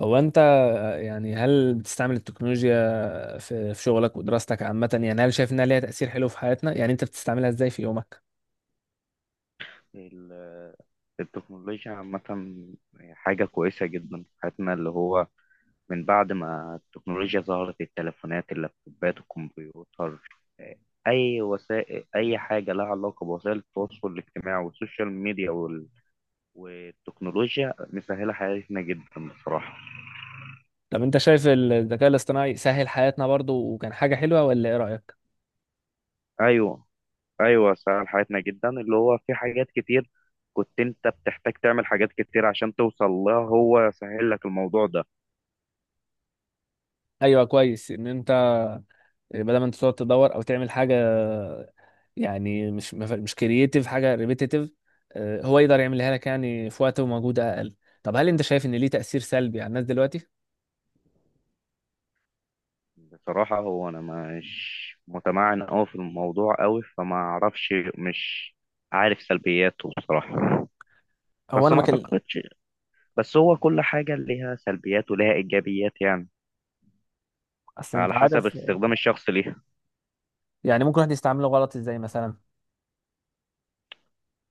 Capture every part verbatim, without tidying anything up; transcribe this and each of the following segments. هو انت يعني هل بتستعمل التكنولوجيا في في شغلك ودراستك عامة، يعني هل شايف انها ليها تأثير حلو في حياتنا؟ يعني انت بتستعملها ازاي في يومك؟ ال- التكنولوجيا عامة حاجة كويسة جدا في حياتنا اللي هو من بعد ما التكنولوجيا ظهرت التليفونات اللابتوبات الكمبيوتر أي وسائل أي حاجة لها علاقة بوسائل التواصل الاجتماعي والسوشيال ميديا وال... والتكنولوجيا مسهلة حياتنا جدا بصراحة. طب انت شايف الذكاء الاصطناعي سهل حياتنا برضو وكان حاجة حلوة، ولا ايه رأيك؟ أيوه، أيوه سهل حياتنا جدا، اللي هو في حاجات كتير كنت أنت بتحتاج تعمل حاجات كتير عشان توصل لها، هو سهل لك الموضوع ده. ايوه، كويس ان انت بدل ما انت تقعد تدور او تعمل حاجة، يعني مش مش كرييتيف، حاجة ريبيتيتيف، هو يقدر يعملها لك يعني في وقت ومجهود اقل. طب هل انت شايف ان ليه تأثير سلبي على الناس دلوقتي؟ بصراحة هو أنا مش متمعن أوي في الموضوع أوي، فما أعرفش، مش عارف سلبياته بصراحة. هو بس انا ما بكلم. أعتقدش، بس هو كل حاجة ليها سلبيات وليها إيجابيات يعني، اصل انت على حسب عارف، استخدام الشخص ليها. يعني ممكن واحد يستعمله غلط ازاي مثلا؟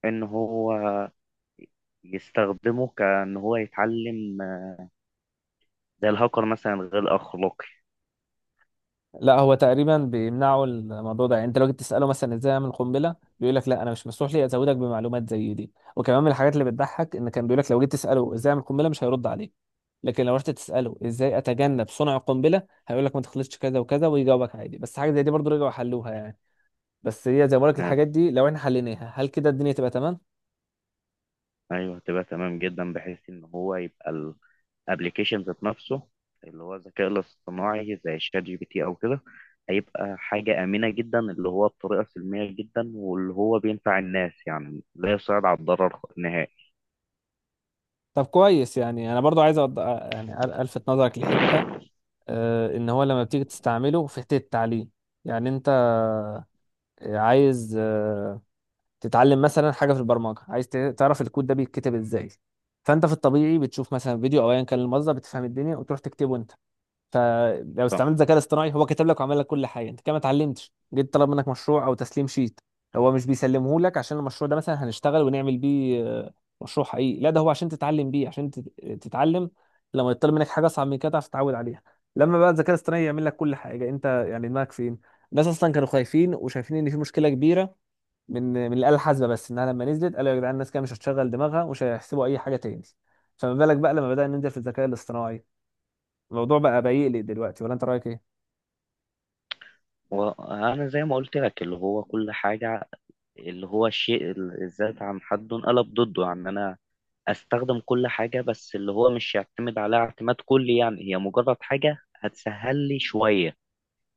إن هو يستخدمه كأن هو يتعلم زي الهاكر مثلا، غير أخلاقي. لا، هو تقريبا بيمنعوا الموضوع ده. يعني انت لو جيت تساله مثلا ازاي اعمل قنبله بيقول لك لا، انا مش مسموح لي ازودك بمعلومات زي دي. وكمان من الحاجات اللي بتضحك ان كان بيقول لك لو جيت تساله ازاي اعمل قنبله مش هيرد عليك، لكن لو رحت تساله ازاي اتجنب صنع القنبله هيقول لك ما تخلطش كذا وكذا، ويجاوبك عادي. بس حاجه زي دي برضو رجعوا حلوها يعني. بس هي زي ما بقول لك، آه، الحاجات دي لو احنا حليناها هل كده الدنيا تبقى تمام؟ أيوه، هتبقى تمام جدا، بحيث إن هو يبقى ابلكيشن ذات نفسه، اللي هو الذكاء الاصطناعي زي شات جي بي تي او كده، هيبقى حاجة آمنة جدا، اللي هو بطريقة سلمية جدا، واللي هو بينفع الناس يعني، لا يصعد على الضرر نهائي. طب كويس. يعني انا برضو عايز أض... يعني الفت نظرك لحته. آه، ان هو لما بتيجي تستعمله في حته التعليم، يعني انت عايز آه، تتعلم مثلا حاجه في البرمجه، عايز ت- تعرف الكود ده بيتكتب ازاي. فانت في الطبيعي بتشوف مثلا فيديو او ايا كان المصدر، بتفهم الدنيا وتروح تكتبه انت. فلو صح. استعملت ذكاء اصطناعي هو كتب لك وعمل لك كل حاجه، انت كده ما اتعلمتش. جيت طلب منك مشروع او تسليم شيت، هو مش بيسلمه لك عشان المشروع ده مثلا هنشتغل ونعمل بيه آه، مشروع حقيقي. لا، ده هو عشان تتعلم بيه، عشان تت- تتعلم. لما يطلب منك حاجه اصعب من كده تعرف تتعود عليها. لما بقى الذكاء الاصطناعي يعمل لك كل حاجه انت يعني دماغك فين؟ الناس اصلا كانوا خايفين وشايفين ان في مشكله كبيره من من الآلة الحاسبة، بس انها لما نزلت قالوا يا جدعان الناس كده مش هتشغل دماغها ومش هيحسبوا اي حاجة تاني. فما بالك بقى لما بدأنا ننزل في الذكاء الاصطناعي؟ الموضوع بقى بيقلق دلوقتي، ولا انت رأيك ايه؟ وأنا زي ما قلت لك، اللي هو كل حاجة اللي هو الشيء ال- الذات عن حده انقلب ضده، يعني أنا أستخدم كل حاجة بس اللي هو مش يعتمد عليها اعتماد كلي، يعني هي مجرد حاجة هتسهل لي شوية.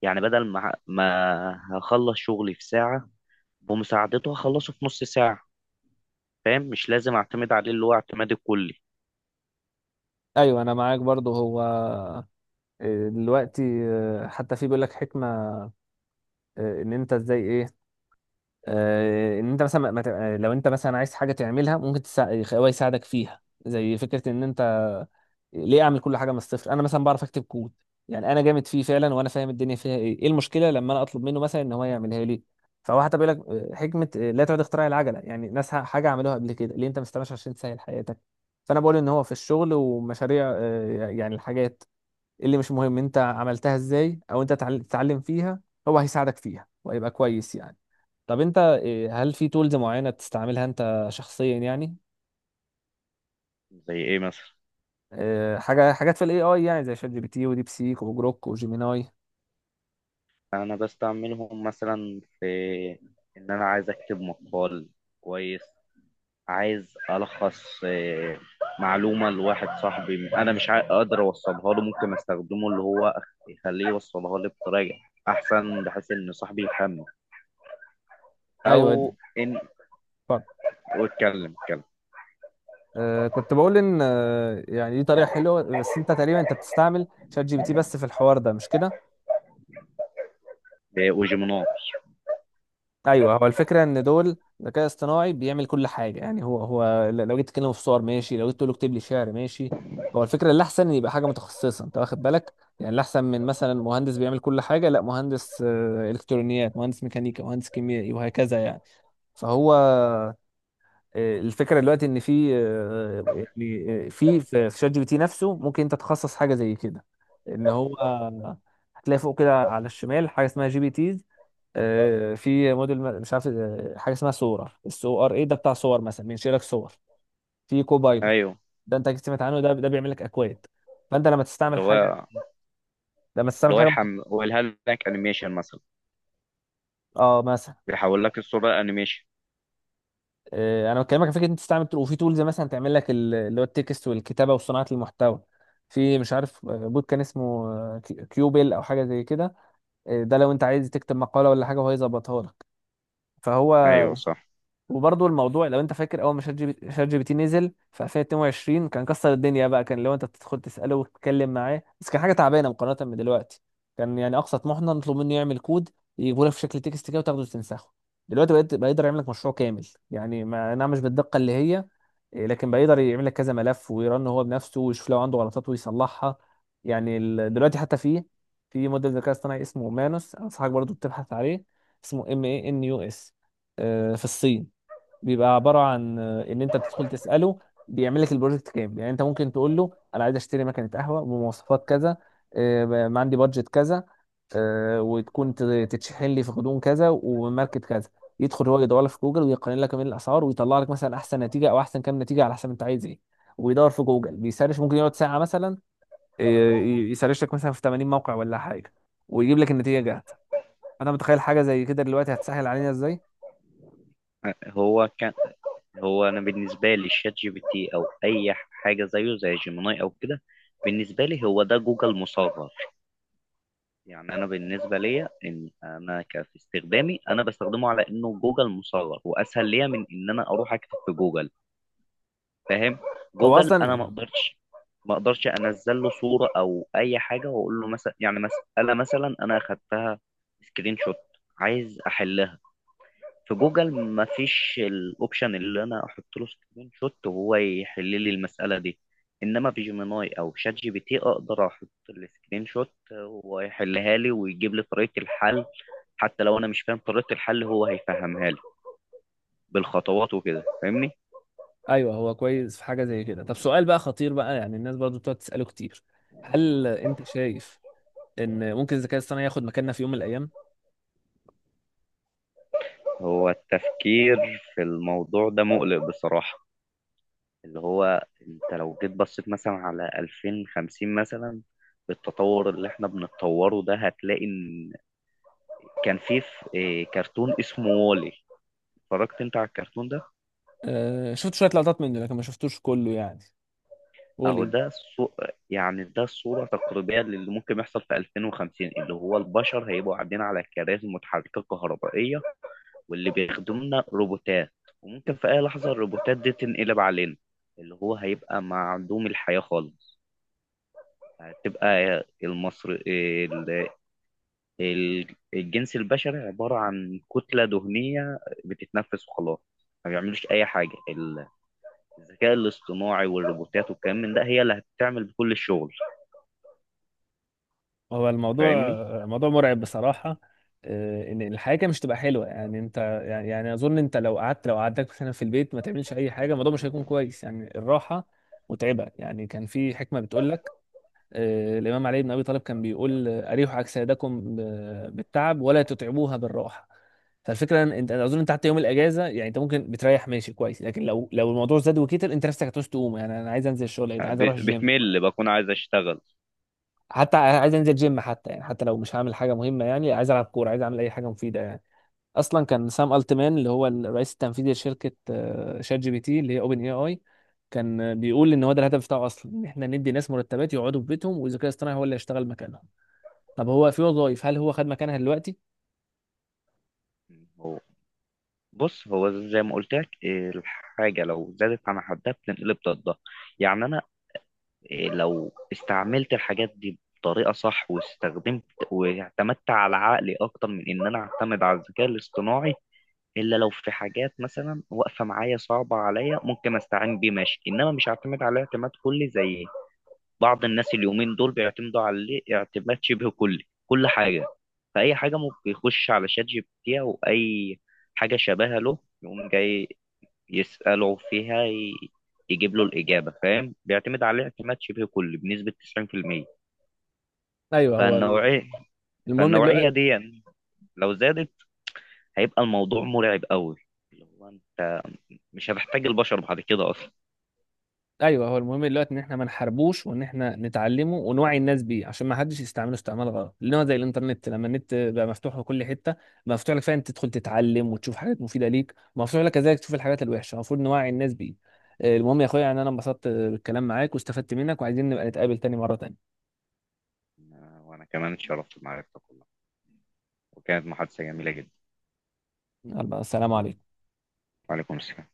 يعني بدل ما ما هخلص شغلي في ساعة، بمساعدته هخلصه في نص ساعة. فاهم؟ مش لازم اعتمد عليه اللي هو اعتمادي الكلي. ايوه، انا معاك برضو. هو آه، دلوقتي آه، حتى في بيقول لك حكمة، آه، ان انت ازاي ايه، آه، ان انت مثلا ما- ما تبقى- لو انت مثلا عايز حاجة تعملها ممكن تساعد، هو يساعدك فيها. زي فكرة ان انت ليه اعمل كل حاجه من الصفر؟ انا مثلا بعرف اكتب كود، يعني انا جامد فيه فعلا وانا فاهم الدنيا فيها ايه ايه المشكله لما انا اطلب منه مثلا ان هو يعملها لي؟ فهو حتى بيقول لك آه، حكمه، آه، لا تعد اختراع العجله، يعني ناس ح- حاجه عملوها قبل كده، ليه انت ما استناش عشان تسهل حياتك. فانا بقول ان هو في الشغل ومشاريع آه، يعني الحاجات اللي مش مهم انت عملتها ازاي او انت تعل- تتعلم فيها، هو هيساعدك فيها وهيبقى كويس يعني. طب انت آه، هل في تولز معينه بتستعملها انت شخصيا يعني؟ زي ايه مثلا؟ آه، حاجه حاجات في الاي اي، يعني زي شات جي بي تي وديب سيك وجروك وجيميناي. انا بستعملهم مثلا في ان انا عايز اكتب مقال كويس، عايز الخص آه، معلومة لواحد صاحبي انا مش عا- قادر اوصلها له، ممكن استخدمه اللي هو أخ- يخليه يوصلها لي بطريقة احسن، بحيث ان صاحبي يفهمني، ايوه دي. او ان. اتفضل. واتكلم اتكلم آه، كنت بقول ان آه، يعني دي طريقه حلوه، بس انت تقريبا انت بتستعمل شات جي بي تي بس في الحوار ده، مش كده؟ وجيميناي. ايوه. هو الفكره ان دول ذكاء اصطناعي بيعمل كل حاجه، يعني هو هو ل- لو جيت تكلمه في صور ماشي، لو جيت تقول له اكتب لي شعر ماشي. هو الفكره اللي احسن يبقى حاجه متخصصه، انت واخد بالك؟ يعني الاحسن من مثلا مهندس بيعمل كل حاجه، لا، مهندس آه، الكترونيات، مهندس ميكانيكا، مهندس كيميائي، وهكذا يعني. فهو آه، الفكره دلوقتي ان في آه، يعني آه، في في في شات جي بي تي نفسه ممكن انت تخصص حاجه زي كده. ان هو آه، هتلاقي فوق كده على الشمال حاجه اسمها جي بي تيز. آه، في موديل ما- مش عارف آه، حاجه اسمها صوره الس او ار اي، ده بتاع صور، مثلا بينشئ لك صور. في كوبايلوت ايوه. ده انت أكيد سمعت عنه، ده ده بيعمل لك اكواد. فانت لما اللي تستعمل حاجه، هو لما اللي تستعمل هو حاجه يحمل، هو الهلك انيميشن مثلا، اه مثلا بيحول لك الصورة لأنيميشن. آه، انا بكلمك عن فكره إن انت تستعمل tool- وفي تولز مثلا تعمل لك ال- اللي هو التكست والكتابه وصناعه المحتوى. في مش عارف آه، بوت كان اسمه آه، كي- كيوبل او حاجه زي كده. آه، ده لو انت عايز تكتب مقاله ولا حاجه وهو يظبطها لك. فهو أيوه صح. وبرضه الموضوع، لو انت فاكر اول ما شات جي بي شات جي بي تي نزل في ألفين واتنين كان كسر الدنيا، بقى كان لو انت تدخل تساله وتتكلم معاه بس، كان حاجه تعبانه مقارنه بدلوقتي. كان يعني اقصى طموحنا نطلب منه يعمل كود، يجيبه لك في شكل تكست كده وتاخده وتنسخه. دلوقتي بقيت بيقدر يعمل لك مشروع كامل، يعني ما نعم، مش بالدقه اللي هي إيه، لكن بيقدر يعمل لك كذا ملف ويرن هو بنفسه ويشوف لو عنده غلطات ويصلحها. يعني ال- دلوقتي حتى في في موديل ذكاء اصطناعي اسمه مانوس، انصحك برضه تبحث عليه. اسمه ام اي ان يو اس، في الصين. بيبقى عباره عن آه، ان انت بتدخل تساله بيعمل لك البروجكت كامل. يعني انت ممكن تقول له انا عايز اشتري مكنه قهوه بمواصفات كذا، آه، ب- عندي بادجت كذا، آه، وتكون ت- تتشحن لي في غضون كذا، وماركت كذا. يدخل هو يدور لك في جوجل ويقارن لك بين الاسعار، ويطلع لك مثلا احسن نتيجه او احسن كام نتيجه على حسب انت عايز ايه. ويدور في جوجل بيسرش، ممكن يقعد ساعه مثلا، آه، ي- يسرش لك مثلا في تمانين موقع ولا حاجه، ويجيب لك النتيجه جاهزه. انا متخيل حاجه زي كده دلوقتي هتسهل علينا ازاي. هو كان، هو انا بالنسبه لي الشات جي بي تي او اي حاجه زيه زي جيميناي او كده، بالنسبه لي هو ده جوجل مصغر. يعني انا بالنسبه ليا ان انا ك- في استخدامي انا بستخدمه على انه جوجل مصغر، واسهل ليا من ان انا اروح اكتب في جوجل. فاهم؟ هو جوجل انا ما اصلا اقدرش، ما اقدرش انزل له صوره او اي حاجه واقول له، مثلا يعني مساله مثلا انا اخدتها سكرين شوت، عايز احلها. في جوجل مفيش الاوبشن اللي انا احط له سكرين شوت وهو يحل لي المساله دي، انما في جيميناي او شات جي بي تي اقدر احط السكرين شوت وهو يحلها لي ويجيب لي طريقه الحل. حتى لو انا مش فاهم طريقه الحل هو هيفهمها لي بالخطوات وكده، فاهمني. ايوه، هو كويس في حاجه زي كده. طب سؤال بقى خطير بقى، يعني الناس برضو بتقعد تساله كتير، هل انت شايف ان ممكن الذكاء الاصطناعي ياخد مكاننا في يوم من الايام؟ هو التفكير في الموضوع ده مقلق بصراحه، اللي هو انت لو جيت بصيت مثلا على ألفين وخمسين مثلا، بالتطور اللي احنا بنتطوره ده هتلاقي ان، كان في ف- إيه، كرتون اسمه وولي. اتفرجت انت على الكرتون ده؟ أه، شفت شويه لقطات منه لكن ما شفتوش كله يعني. قول اهو ايه. ده الصو... يعني ده الصورة تقريبية للي ممكن يحصل في ألفين وخمسين، اللي هو البشر هيبقوا قاعدين على كراسي متحركة كهربائية، واللي بيخدمنا روبوتات، وممكن في اي لحظة الروبوتات دي تنقلب علينا، اللي هو هيبقى معدوم الحياة خالص. هتبقى المصر ال- ال- الجنس البشري عبارة عن كتلة دهنية بتتنفس وخلاص، ما بيعملوش أي حاجة. ال... الذكاء الاصطناعي والروبوتات والكلام من ده هي اللي هتعمل بكل الشغل، هو الموضوع فاهمني؟ موضوع مرعب بصراحه. أه، ان الحياه كده مش تبقى حلوه. يعني انت يعني, يعني اظن انت لو قعدت لو قعدتك مثلا في البيت ما تعملش اي حاجه الموضوع مش هيكون كويس. يعني الراحه متعبه يعني. كان في حكمه بتقول لك آه، الإمام علي بن أبي طالب كان بيقول آه، أريحوا أجسادكم ب- بالتعب ولا تتعبوها بالراحة. فالفكرة إن أنت أنا أظن أنت حتى يوم الأجازة، يعني أنت ممكن بتريح ماشي كويس، لكن لو لو الموضوع زاد وكتر أنت نفسك هتعوز تقوم. يعني أنا عايز أنزل الشغل، أنا عايز ب- أروح الجيم، بتمل، بكون عايز اشتغل. حتى عايز أنزل جيم، حتى يعني حتى لو مش هعمل حاجة مهمة، يعني عايز ألعب كورة، عايز أعمل أي حاجة مفيدة يعني. أصلا كان سام ألتمان، اللي هو الرئيس التنفيذي لشركة آه، شات جي بي تي اللي هي أوبن إي آي، كان بيقول ان هو ده الهدف بتاعه اصلا، ان احنا ندي ناس مرتبات يقعدوا في بيتهم والذكاء الاصطناعي هو اللي هيشتغل مكانهم. طب هو في وظائف هل هو خد مكانها دلوقتي؟ هو بص، هو زي ما قلت لك إيه، الحاجة لو زادت عن حدها بتنقلب ضدها، يعني أنا إيه، لو استعملت الحاجات دي بطريقة صح، واستخدمت واعتمدت على عقلي أكتر من إن أنا أعتمد على الذكاء الاصطناعي، إلا لو في حاجات مثلا واقفة معايا صعبة عليا ممكن أستعين بيه ماشي، إنما مش هعتمد عليه اعتماد كلي زي بعض الناس اليومين دول بيعتمدوا عليه اعتماد شبه كلي، كل حاجة فأي حاجة ممكن يخش على شات جي بي تي أو أي حاجة شبيهة له يقوم جاي يسأله فيها، ي- يجيب له الإجابة. فاهم؟ بيعتمد عليه اعتماد شبه كلي بنسبة تسعين في المية. ايوه هو فالنوعية المهم فالنوعية دلوقتي دي يعني لو زادت هيبقى الموضوع مرعب قوي، اللي هو أنت مش هتحتاج البشر بعد كده أصلا. ايوه، هو المهم دلوقتي ان احنا ما نحاربوش، وان احنا نتعلمه ونوعي الناس بيه عشان ما حدش يستعمله استعمال غلط. لان هو زي الانترنت، لما النت بقى مفتوح لكل حته، بقى مفتوح لك فعلا تدخل تتعلم وتشوف حاجات مفيده ليك، مفتوح لك كذلك تشوف الحاجات الوحشه، المفروض نوعي الناس بيه. آه، المهم يا اخويا، يعني انا انبسطت بالكلام معاك واستفدت منك، وعايزين نبقى نتقابل تاني مره تانيه. وأنا كمان اتشرفت بمعرفتك والله، وكانت محادثة جميلة جدا. يلا، السلام عليكم. وعليكم السلام.